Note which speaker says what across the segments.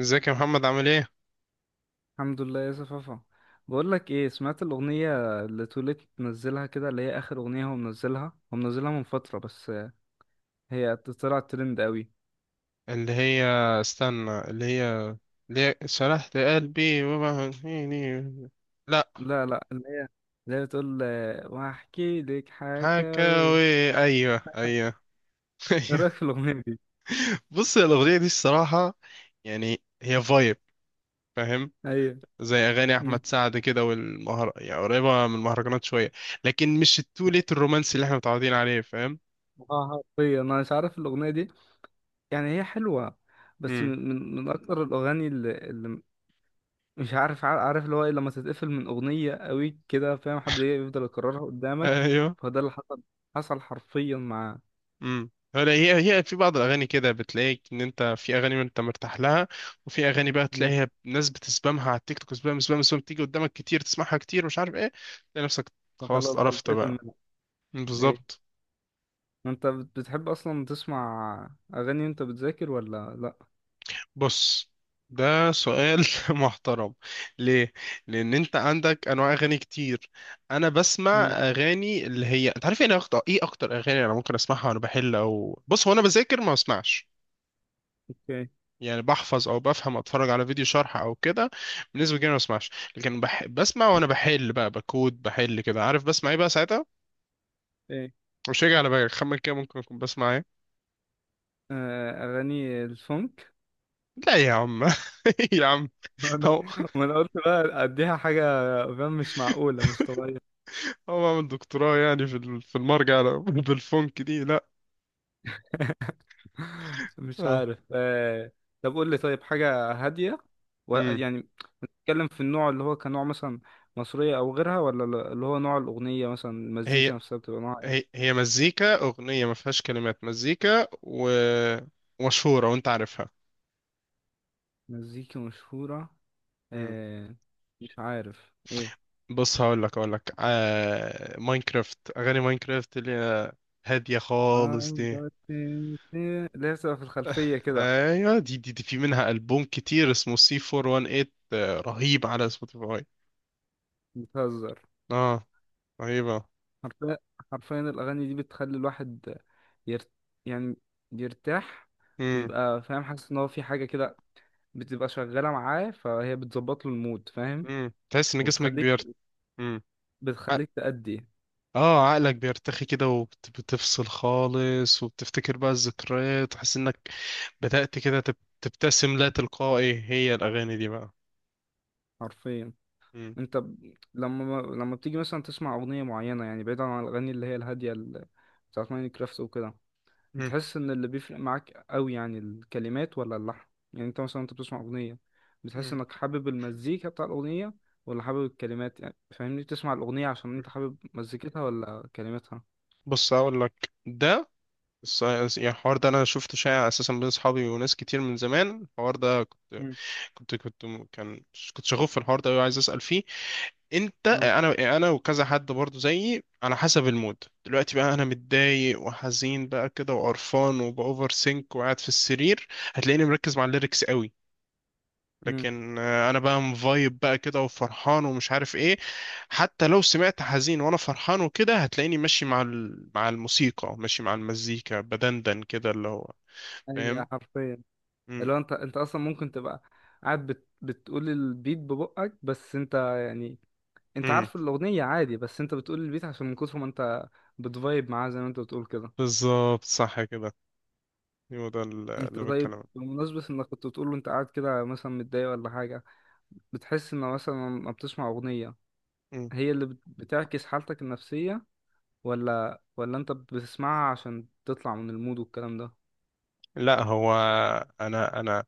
Speaker 1: ازيك يا محمد؟ عامل ايه؟
Speaker 2: الحمد لله يا صفافة. بقول لك ايه، سمعت الاغنيه اللي توليت منزلها كده، اللي هي اخر اغنيه هو منزلها هو منزلها من فتره بس؟ هي طلعت ترند قوي.
Speaker 1: اللي هي استنى اللي هي اللي هي شرحت قلبي وبهنيني؟ لا.
Speaker 2: لا اللي هي، اللي هي بتقول واحكي لك حكاوي؟ ايه
Speaker 1: حكاوي، ايوه ايوه. ايوه.
Speaker 2: رايك في الاغنيه دي؟
Speaker 1: بص، يا الاغنيه دي الصراحه، يعني هي فايب، فاهم؟
Speaker 2: ايوه.
Speaker 1: زي اغاني
Speaker 2: مم.
Speaker 1: احمد سعد كده، والمهر يعني قريبه من المهرجانات شويه. لكن مش التوليت الرومانسي اللي احنا متعودين عليه، فاهم؟
Speaker 2: اه حرفيا انا مش عارف الاغنيه دي. يعني هي حلوه، بس
Speaker 1: امم.
Speaker 2: من اكتر الاغاني اللي مش عارف عارف اللي هو ايه لما تتقفل من اغنيه قوي كده، فاهم؟ حد يفضل يكررها قدامك.
Speaker 1: ايوه.
Speaker 2: فده اللي حصل، حصل حرفيا مع
Speaker 1: امم. هلا، هي في بعض الاغاني كده بتلاقيك ان انت في اغاني ما انت مرتاح لها. وفي اغاني بقى
Speaker 2: مم.
Speaker 1: تلاقيها ناس بتسبامها على التيك توك، سبام سبام سبام، تيجي قدامك كتير، تسمعها كتير، مش عارف ايه. تلاقي نفسك خلاص
Speaker 2: فخلاص
Speaker 1: قرفت
Speaker 2: بتتقفل
Speaker 1: بقى.
Speaker 2: منها. ايه،
Speaker 1: بالظبط.
Speaker 2: انت بتحب اصلا تسمع اغاني وانت بتذاكر ولا لا؟
Speaker 1: بص، ده سؤال محترم. ليه؟ لان انت عندك انواع اغاني كتير. انا بسمع
Speaker 2: مم.
Speaker 1: اغاني اللي هي انت عارف ايه اكتر، ايه اكتر اغاني انا ممكن اسمعها وانا بحل. او بص، هو انا بذاكر ما بسمعش.
Speaker 2: اوكي.
Speaker 1: يعني بحفظ او بفهم، اتفرج على فيديو شرح او كده. بالنسبه لي ما بسمعش. لكن بسمع وانا بحل بقى، بكود، بحل كده، عارف بسمع ايه بقى ساعتها؟
Speaker 2: ايه؟
Speaker 1: مش هيجي على بالك، خمن كده ممكن اكون بسمع ايه.
Speaker 2: آه، اغاني الفونك.
Speaker 1: لا يا عم. يا عم. هو
Speaker 2: وأنا قلت بقى اديها حاجه، فاهم؟ مش معقوله، مش طبيعيه.
Speaker 1: هو عامل دكتوراه يعني في في المرجع؟ لا، بالفونك دي لا.
Speaker 2: مش
Speaker 1: اه.
Speaker 2: عارف. طب قول لي، طيب، حاجه هاديه
Speaker 1: امم.
Speaker 2: يعني بتتكلم في النوع اللي هو كنوع مثلا مصرية أو غيرها، ولا اللي هو نوع الأغنية، مثلا
Speaker 1: هي
Speaker 2: المزيكا نفسها بتبقى نوع
Speaker 1: هي
Speaker 2: إيه؟
Speaker 1: هي مزيكا اغنيه ما فيهاش كلمات، مزيكا ومشهوره وانت عارفها.
Speaker 2: مزيكا مشهورة. آه. مش عارف إيه.
Speaker 1: بص، هقول لك ماينكرافت، اغاني ماينكرافت اللي هي هاديه خالص
Speaker 2: آه،
Speaker 1: دي.
Speaker 2: اللي هي بتبقى في الخلفية كده.
Speaker 1: ايوه. دي في منها البوم كتير اسمه سي 418، رهيب على سبوتيفاي.
Speaker 2: بتهزر.
Speaker 1: اه رهيبه.
Speaker 2: حرفيا، حرفيا الأغاني دي بتخلي الواحد يرت... يعني يرتاح،
Speaker 1: امم.
Speaker 2: ويبقى فاهم، حاسس إن هو في حاجة كده بتبقى شغالة معاه، فهي بتظبط له المود، فاهم؟
Speaker 1: امم، تحس ان جسمك
Speaker 2: وبتخليك،
Speaker 1: بيرت. امم. ع-
Speaker 2: بتخليك تأدي.
Speaker 1: اه عقلك بيرتخي كده، وبتفصل خالص، وبتفتكر بقى الذكريات، وحاسس انك بدأت كده تبتسم لا تلقائي، هي الاغاني دي بقى.
Speaker 2: حرفيا.
Speaker 1: مم.
Speaker 2: انت لما بتيجي مثلا تسمع اغنيه معينه، يعني بعيدا عن الاغاني اللي هي الهاديه بتاعت ماينكرافت وكده،
Speaker 1: مم.
Speaker 2: بتحس ان اللي بيفرق معاك قوي يعني الكلمات ولا اللحن؟ يعني انت مثلا بتسمع اغنيه، بتحس
Speaker 1: مم.
Speaker 2: انك حابب المزيكا بتاع الاغنيه، ولا حابب الكلمات؟ يعني فاهمني، بتسمع الاغنيه عشان انت حابب مزيكتها ولا كلماتها؟
Speaker 1: بص اقول لك ده، بس يعني الحوار ده انا شفته شائع اساسا بين اصحابي وناس كتير من زمان. الحوار ده
Speaker 2: مم.
Speaker 1: كنت كنت كنت م- كان كنت شغوف في الحوار ده وعايز اسال فيه. انت
Speaker 2: اه.
Speaker 1: انا وكذا حد برضو زيي، على حسب المود. دلوقتي بقى انا متضايق وحزين بقى كده وقرفان وباوفر سينك وقاعد في السرير، هتلاقيني مركز مع الليركس قوي.
Speaker 2: امم.
Speaker 1: لكن انا بقى مفايب بقى كده وفرحان ومش عارف ايه، حتى لو سمعت حزين وانا فرحان وكده هتلاقيني ماشي مع مع الموسيقى، ماشي مع المزيكا، بدندن كده اللي هو،
Speaker 2: اي
Speaker 1: فاهم؟
Speaker 2: حرفيا.
Speaker 1: مم.
Speaker 2: اللي هو انت اصلا ممكن تبقى قاعد بتقول البيت ببقك بس انت يعني، انت
Speaker 1: مم.
Speaker 2: عارف الاغنيه عادي، بس انت بتقول البيت عشان من كتر ما انت بتفايب معاه زي ما انت بتقول كده.
Speaker 1: بالظبط صح كده، هو ده
Speaker 2: انت
Speaker 1: اللي
Speaker 2: طيب،
Speaker 1: بتكلم عنه.
Speaker 2: بمناسبة انك كنت بتقول له انت قاعد كده مثلا متضايق ولا حاجة، بتحس ان مثلا لما بتسمع اغنية،
Speaker 1: مم.
Speaker 2: هي اللي بتعكس حالتك النفسية، ولا انت بتسمعها عشان تطلع من المود والكلام ده؟
Speaker 1: لا، هو انا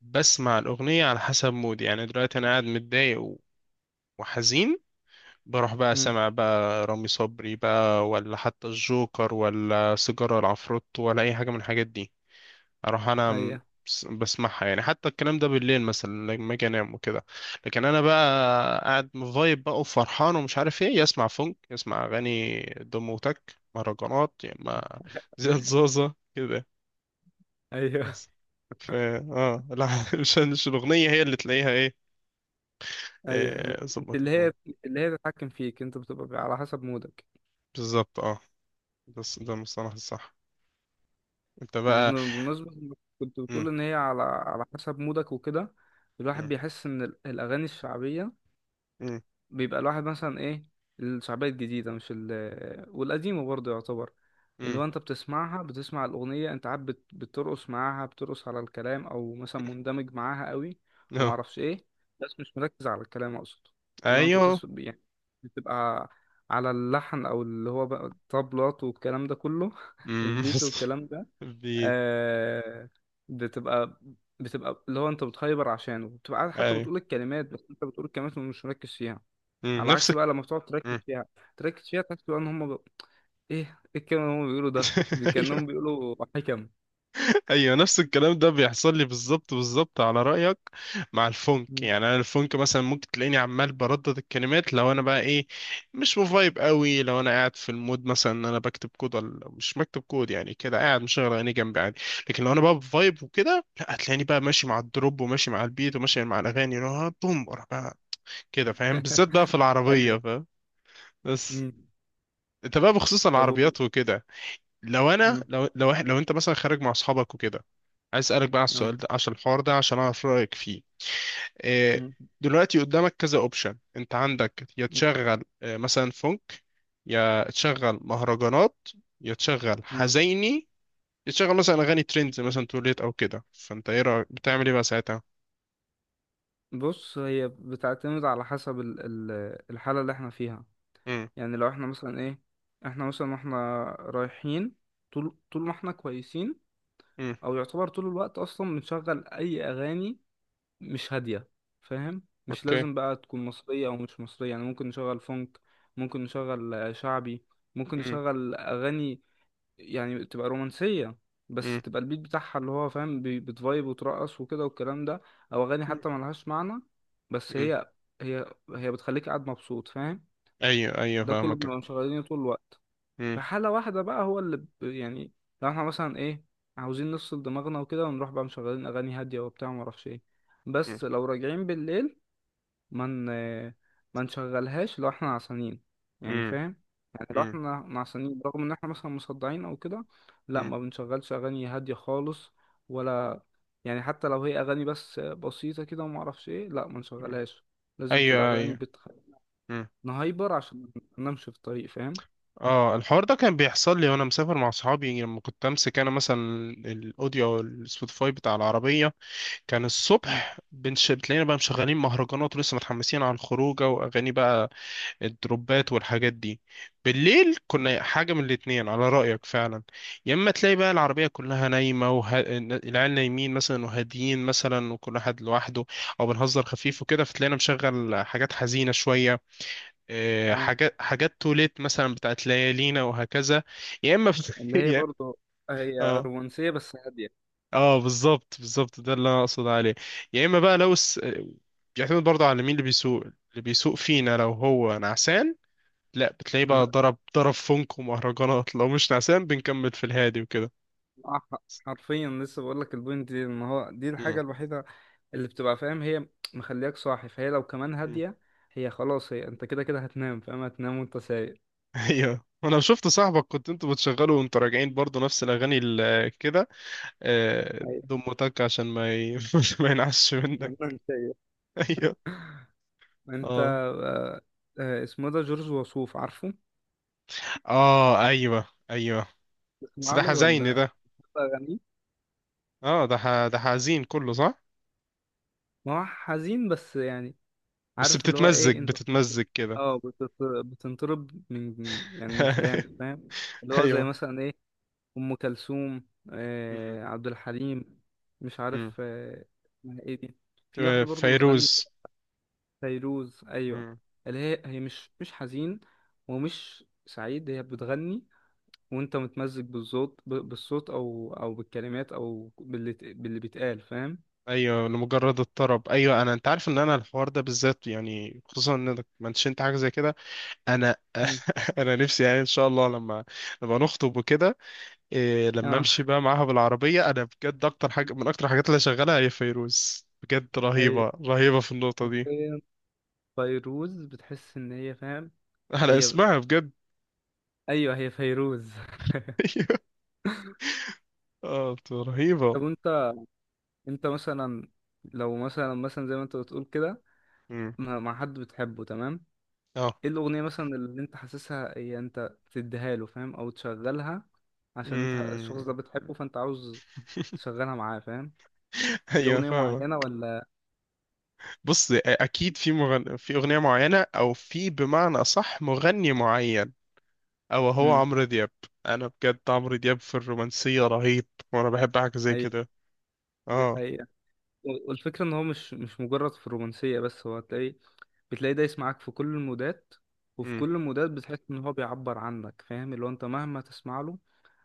Speaker 1: بسمع الاغنيه على حسب مودي. يعني دلوقتي انا قاعد متضايق و- وحزين، بروح بقى
Speaker 2: امم.
Speaker 1: سمع بقى رامي صبري بقى، ولا حتى الجوكر، ولا سيجاره العفروت، ولا اي حاجه من الحاجات دي. اروح انا م-
Speaker 2: ايوه.
Speaker 1: بسمعها يعني، حتى الكلام ده بالليل مثلا لما اجي انام وكده. لكن انا بقى قاعد مفايب بقى وفرحان ومش عارف ايه، يسمع فونك، يسمع اغاني دم وتك، مهرجانات، يا اما زياد زوزة كده.
Speaker 2: ايوه.
Speaker 1: بس، ف اه لا، مش الاغنيه هي اللي تلاقيها ايه.
Speaker 2: ايوه، مش
Speaker 1: إيه،
Speaker 2: مش اللي
Speaker 1: ظبطت مود.
Speaker 2: هي مش اللي هي تتحكم فيك، انت بتبقى على حسب مودك.
Speaker 1: بالظبط اه. بس ده المصطلح الصح. انت بقى.
Speaker 2: بمناسبة إنك كنت
Speaker 1: مم.
Speaker 2: بتقول إن هي على حسب مودك وكده، الواحد
Speaker 1: مم.
Speaker 2: بيحس إن الأغاني الشعبية،
Speaker 1: مم.
Speaker 2: بيبقى الواحد مثلا إيه، الشعبية الجديدة مش ال، والقديمة برضه يعتبر، اللي
Speaker 1: مم.
Speaker 2: هو أنت بتسمعها، بتسمع الأغنية أنت عاد بترقص معاها، بترقص على الكلام، أو مثلا مندمج معاها قوي
Speaker 1: آه.
Speaker 2: ومعرفش إيه، بس مش مركز على الكلام أقصد. اللي هو أنت
Speaker 1: ايوه.
Speaker 2: بتس، يعني بتبقى على اللحن، أو اللي هو بقى الطبلات والكلام ده كله،
Speaker 1: مم.
Speaker 2: البيت
Speaker 1: بس.
Speaker 2: والكلام ده.
Speaker 1: بي-
Speaker 2: آه، بتبقى، بتبقى اللي هو انت بتهايبر عشانه، بتبقى قاعد حتى
Speaker 1: ايوه.
Speaker 2: بتقول الكلمات، بس انت بتقول الكلمات ومش مركز فيها.
Speaker 1: مم،
Speaker 2: على
Speaker 1: نفس.
Speaker 2: عكس بقى لما بتقعد تركز فيها، تركز فيها تحس بقى ان هم بقى ايه، ايه الكلمه اللي هم بيقولوا ده،
Speaker 1: ايوه
Speaker 2: كانهم بيقولوا حكم.
Speaker 1: ايوه، نفس الكلام ده بيحصل لي بالظبط بالظبط على رايك. مع الفونك،
Speaker 2: مم.
Speaker 1: يعني انا الفونك مثلا ممكن تلاقيني عمال بردد الكلمات لو انا بقى ايه، مش مفايب قوي. لو انا قاعد في المود مثلا ان انا بكتب كود ولا مش بكتب كود، يعني كده قاعد مشغل عيني جنبي عادي. لكن لو انا بقى بفايب وكده، لا، هتلاقيني بقى ماشي مع الدروب وماشي مع البيت وماشي مع الاغاني اللي هو بوم ورا بقى كده، فاهم؟ بالذات بقى في العربيه،
Speaker 2: ايوه.
Speaker 1: فاهم؟ بس.
Speaker 2: مم.
Speaker 1: انت بقى، بخصوص
Speaker 2: طب
Speaker 1: العربيات وكده، لو انا
Speaker 2: مم.
Speaker 1: لو لو, إح- لو انت مثلا خارج مع اصحابك وكده، عايز اسالك بقى على
Speaker 2: اه.
Speaker 1: السؤال ده، عشان الحوار ده، عشان اعرف رايك فيه. إيه،
Speaker 2: مم.
Speaker 1: دلوقتي قدامك كذا اوبشن، انت عندك يا
Speaker 2: مم.
Speaker 1: تشغل مثلا فونك، يا تشغل مهرجانات، يا تشغل
Speaker 2: مم.
Speaker 1: حزيني، يا تشغل مثلا اغاني ترندز مثلا توليت او كده. فانت ايه رايك، بتعمل ايه بقى ساعتها؟
Speaker 2: بص، هي بتعتمد على حسب الحالة اللي احنا فيها.
Speaker 1: امم.
Speaker 2: يعني لو احنا مثلا ايه، احنا مثلا واحنا رايحين، طول ما احنا كويسين،
Speaker 1: امم.
Speaker 2: او يعتبر طول الوقت اصلا بنشغل اي اغاني مش هاديه، فاهم؟ مش
Speaker 1: اوكي.
Speaker 2: لازم بقى تكون مصريه او مش مصريه، يعني ممكن نشغل فونك، ممكن نشغل شعبي، ممكن
Speaker 1: امم.
Speaker 2: نشغل اغاني يعني تبقى رومانسيه،
Speaker 1: امم.
Speaker 2: بس تبقى البيت بتاعها اللي هو فاهم بتفايب وترقص وكده والكلام ده، او اغاني حتى ملهاش معنى، بس
Speaker 1: امم.
Speaker 2: هي، هي هي بتخليك قاعد مبسوط، فاهم؟
Speaker 1: ايوه ايوه
Speaker 2: ده كله
Speaker 1: فاهمك.
Speaker 2: بنبقى مشغلينه طول الوقت.
Speaker 1: امم.
Speaker 2: في حالة واحدة بقى هو اللي يعني لو احنا مثلا ايه، عاوزين نفصل دماغنا وكده ونروح بقى مشغلين أغاني هادية وبتاع ومعرفش ايه،
Speaker 1: امم.
Speaker 2: بس لو راجعين بالليل ما من... ما نشغلهاش لو احنا عصانين، يعني فاهم، يعني لو
Speaker 1: امم.
Speaker 2: احنا نعسانين رغم ان احنا مثلا مصدعين او كده، لا،
Speaker 1: امم.
Speaker 2: ما بنشغلش أغاني هادية خالص ولا، يعني حتى لو هي أغاني بس بسيطة كده ومعرفش ايه، لا، ما نشغلهاش، لازم تبقى
Speaker 1: ايوه
Speaker 2: أغاني
Speaker 1: ايوه.
Speaker 2: نهايبر عشان ما ننامش في الطريق، فاهم؟
Speaker 1: اه الحوار ده كان بيحصل لي وانا مسافر مع صحابي، لما كنت امسك انا مثلا الاوديو او السبوتيفاي بتاع العربيه، كان
Speaker 2: مم.
Speaker 1: الصبح بتلاقينا بقى مشغلين مهرجانات ولسه متحمسين على الخروجه، واغاني بقى الدروبات والحاجات دي. بالليل
Speaker 2: اه.
Speaker 1: كنا حاجه من الاتنين على رايك فعلا، يا اما تلاقي بقى العربيه كلها نايمه العيال نايمين مثلا وهاديين مثلا وكل واحد لوحده، او بنهزر خفيف وكده فتلاقينا مشغل حاجات حزينه شويه،
Speaker 2: اه.
Speaker 1: حاجات حاجات توليت مثلا بتاعت ليالينا وهكذا. يا اما
Speaker 2: اللي هي برضه هي
Speaker 1: اه
Speaker 2: رومانسية بس هادية.
Speaker 1: اه بالظبط بالظبط، ده اللي انا اقصد عليه. يا اما بقى بيعتمد برضه على مين اللي بيسوق. اللي بيسوق فينا لو هو نعسان، لا، بتلاقيه بقى ضرب ضرب فنك ومهرجانات. لو مش نعسان بنكمل في الهادي وكده.
Speaker 2: آه، حرفيا لسه بقول لك، البوينت دي ان هو دي
Speaker 1: مم.
Speaker 2: الحاجة الوحيدة اللي بتبقى فاهم هي مخلياك صاحي، فهي لو كمان
Speaker 1: مم.
Speaker 2: هادية، هي خلاص هي انت كده كده هتنام، فاهم؟ هتنام وانت سايق.
Speaker 1: ايوه انا شفت صاحبك كنت انتوا بتشغلوا وانتوا راجعين برضه نفس الاغاني كده،
Speaker 2: ايوه،
Speaker 1: دم وتك عشان ما ي... ما ينعش منك.
Speaker 2: انت سايق.
Speaker 1: ايوه.
Speaker 2: انت،
Speaker 1: اه.
Speaker 2: اسمه ده جورج وسوف، عارفه؟
Speaker 1: اه. ايوه ايوه. بس
Speaker 2: تسمع
Speaker 1: ده
Speaker 2: له
Speaker 1: حزين
Speaker 2: ولا؟
Speaker 1: ده.
Speaker 2: اغانيه،
Speaker 1: اه ده حزين كله صح.
Speaker 2: ما هو حزين، بس يعني
Speaker 1: بس
Speaker 2: عارف اللي هو
Speaker 1: بتتمزج
Speaker 2: ايه انت،
Speaker 1: بتتمزج كده.
Speaker 2: اه بتط، بتنطرب من يعني من كلامه، فاهم؟ اللي هو زي
Speaker 1: ايوه.
Speaker 2: مثلا ايه، ام كلثوم،
Speaker 1: مم.
Speaker 2: عبد الحليم، مش
Speaker 1: مم.
Speaker 2: عارف. اسمها ايه دي؟ في
Speaker 1: تمام،
Speaker 2: واحده برضو بتغني.
Speaker 1: فيروز.
Speaker 2: فيروز، ايوه.
Speaker 1: مم.
Speaker 2: اللي هي، هي مش حزين ومش سعيد، هي بتغني وانت متمزج بالصوت، بالصوت او بالكلمات، او باللي باللي بيتقال، فاهم؟
Speaker 1: ايوه، لمجرد الطرب. ايوه انا انت عارف ان انا الحوار ده بالذات، يعني خصوصا انك منشنت حاجه زي كده. انا
Speaker 2: مم.
Speaker 1: انا نفسي يعني، ان شاء الله لما نخطب وكده، إيه، لما
Speaker 2: اه.
Speaker 1: امشي بقى معاها بالعربيه، انا بجد اكتر حاجه من اكتر الحاجات اللي شغالها هي فيروز، بجد
Speaker 2: ايوه
Speaker 1: رهيبه رهيبه في النقطه دي.
Speaker 2: حرفيا، فيروز بتحس ان هي فاهم،
Speaker 1: على
Speaker 2: هي
Speaker 1: اسمها بجد.
Speaker 2: ايوه هي فيروز.
Speaker 1: ايوه. اه بتبقى رهيبة.
Speaker 2: طب انت، انت مثلا لو مثلا، مثلا زي ما انت بتقول كده
Speaker 1: مم.
Speaker 2: مع حد بتحبه، تمام؟
Speaker 1: اه.
Speaker 2: ايه الأغنية مثلا اللي انت حاسسها هي انت تديها له، فاهم؟ او تشغلها عشان انت الشخص
Speaker 1: مم.
Speaker 2: ده بتحبه، فانت عاوز تشغلها معاه، فاهم؟ في
Speaker 1: ايوه
Speaker 2: أغنية
Speaker 1: فاهمة.
Speaker 2: معينة ولا؟
Speaker 1: بص اكيد في في اغنية معينة او في بمعنى صح مغني معين، او هو
Speaker 2: امم.
Speaker 1: عمرو دياب. انا بجد عمرو دياب في الرومانسية رهيب، وانا بحب حاجة زي
Speaker 2: اي،
Speaker 1: كده.
Speaker 2: دي
Speaker 1: اه.
Speaker 2: حقيقة. والفكرة ان هو مش مجرد في الرومانسية بس، هو هتلاقي، بتلاقي دايس معاك في كل المودات، وفي
Speaker 1: مم.
Speaker 2: كل المودات بتحس ان هو بيعبر عنك، فاهم؟ اللي هو انت مهما تسمع له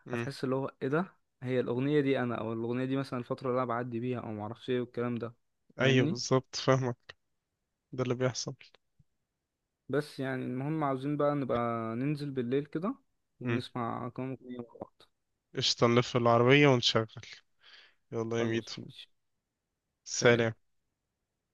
Speaker 1: مم.
Speaker 2: هتحس اللي هو ايه ده، هي الأغنية دي انا، او الأغنية دي مثلا الفترة اللي انا بعدي بيها او معرفش ايه والكلام ده،
Speaker 1: ايوه
Speaker 2: فاهمني؟
Speaker 1: بالظبط فاهمك، ده اللي بيحصل.
Speaker 2: بس يعني المهم، عاوزين بقى نبقى ننزل بالليل كده
Speaker 1: مم.
Speaker 2: ونسمع كام أغنية مع بعض.
Speaker 1: قشطة، نلف العربية ونشغل. يلا يا ميدو.
Speaker 2: خلاص، ماشي. سلام.
Speaker 1: سلام.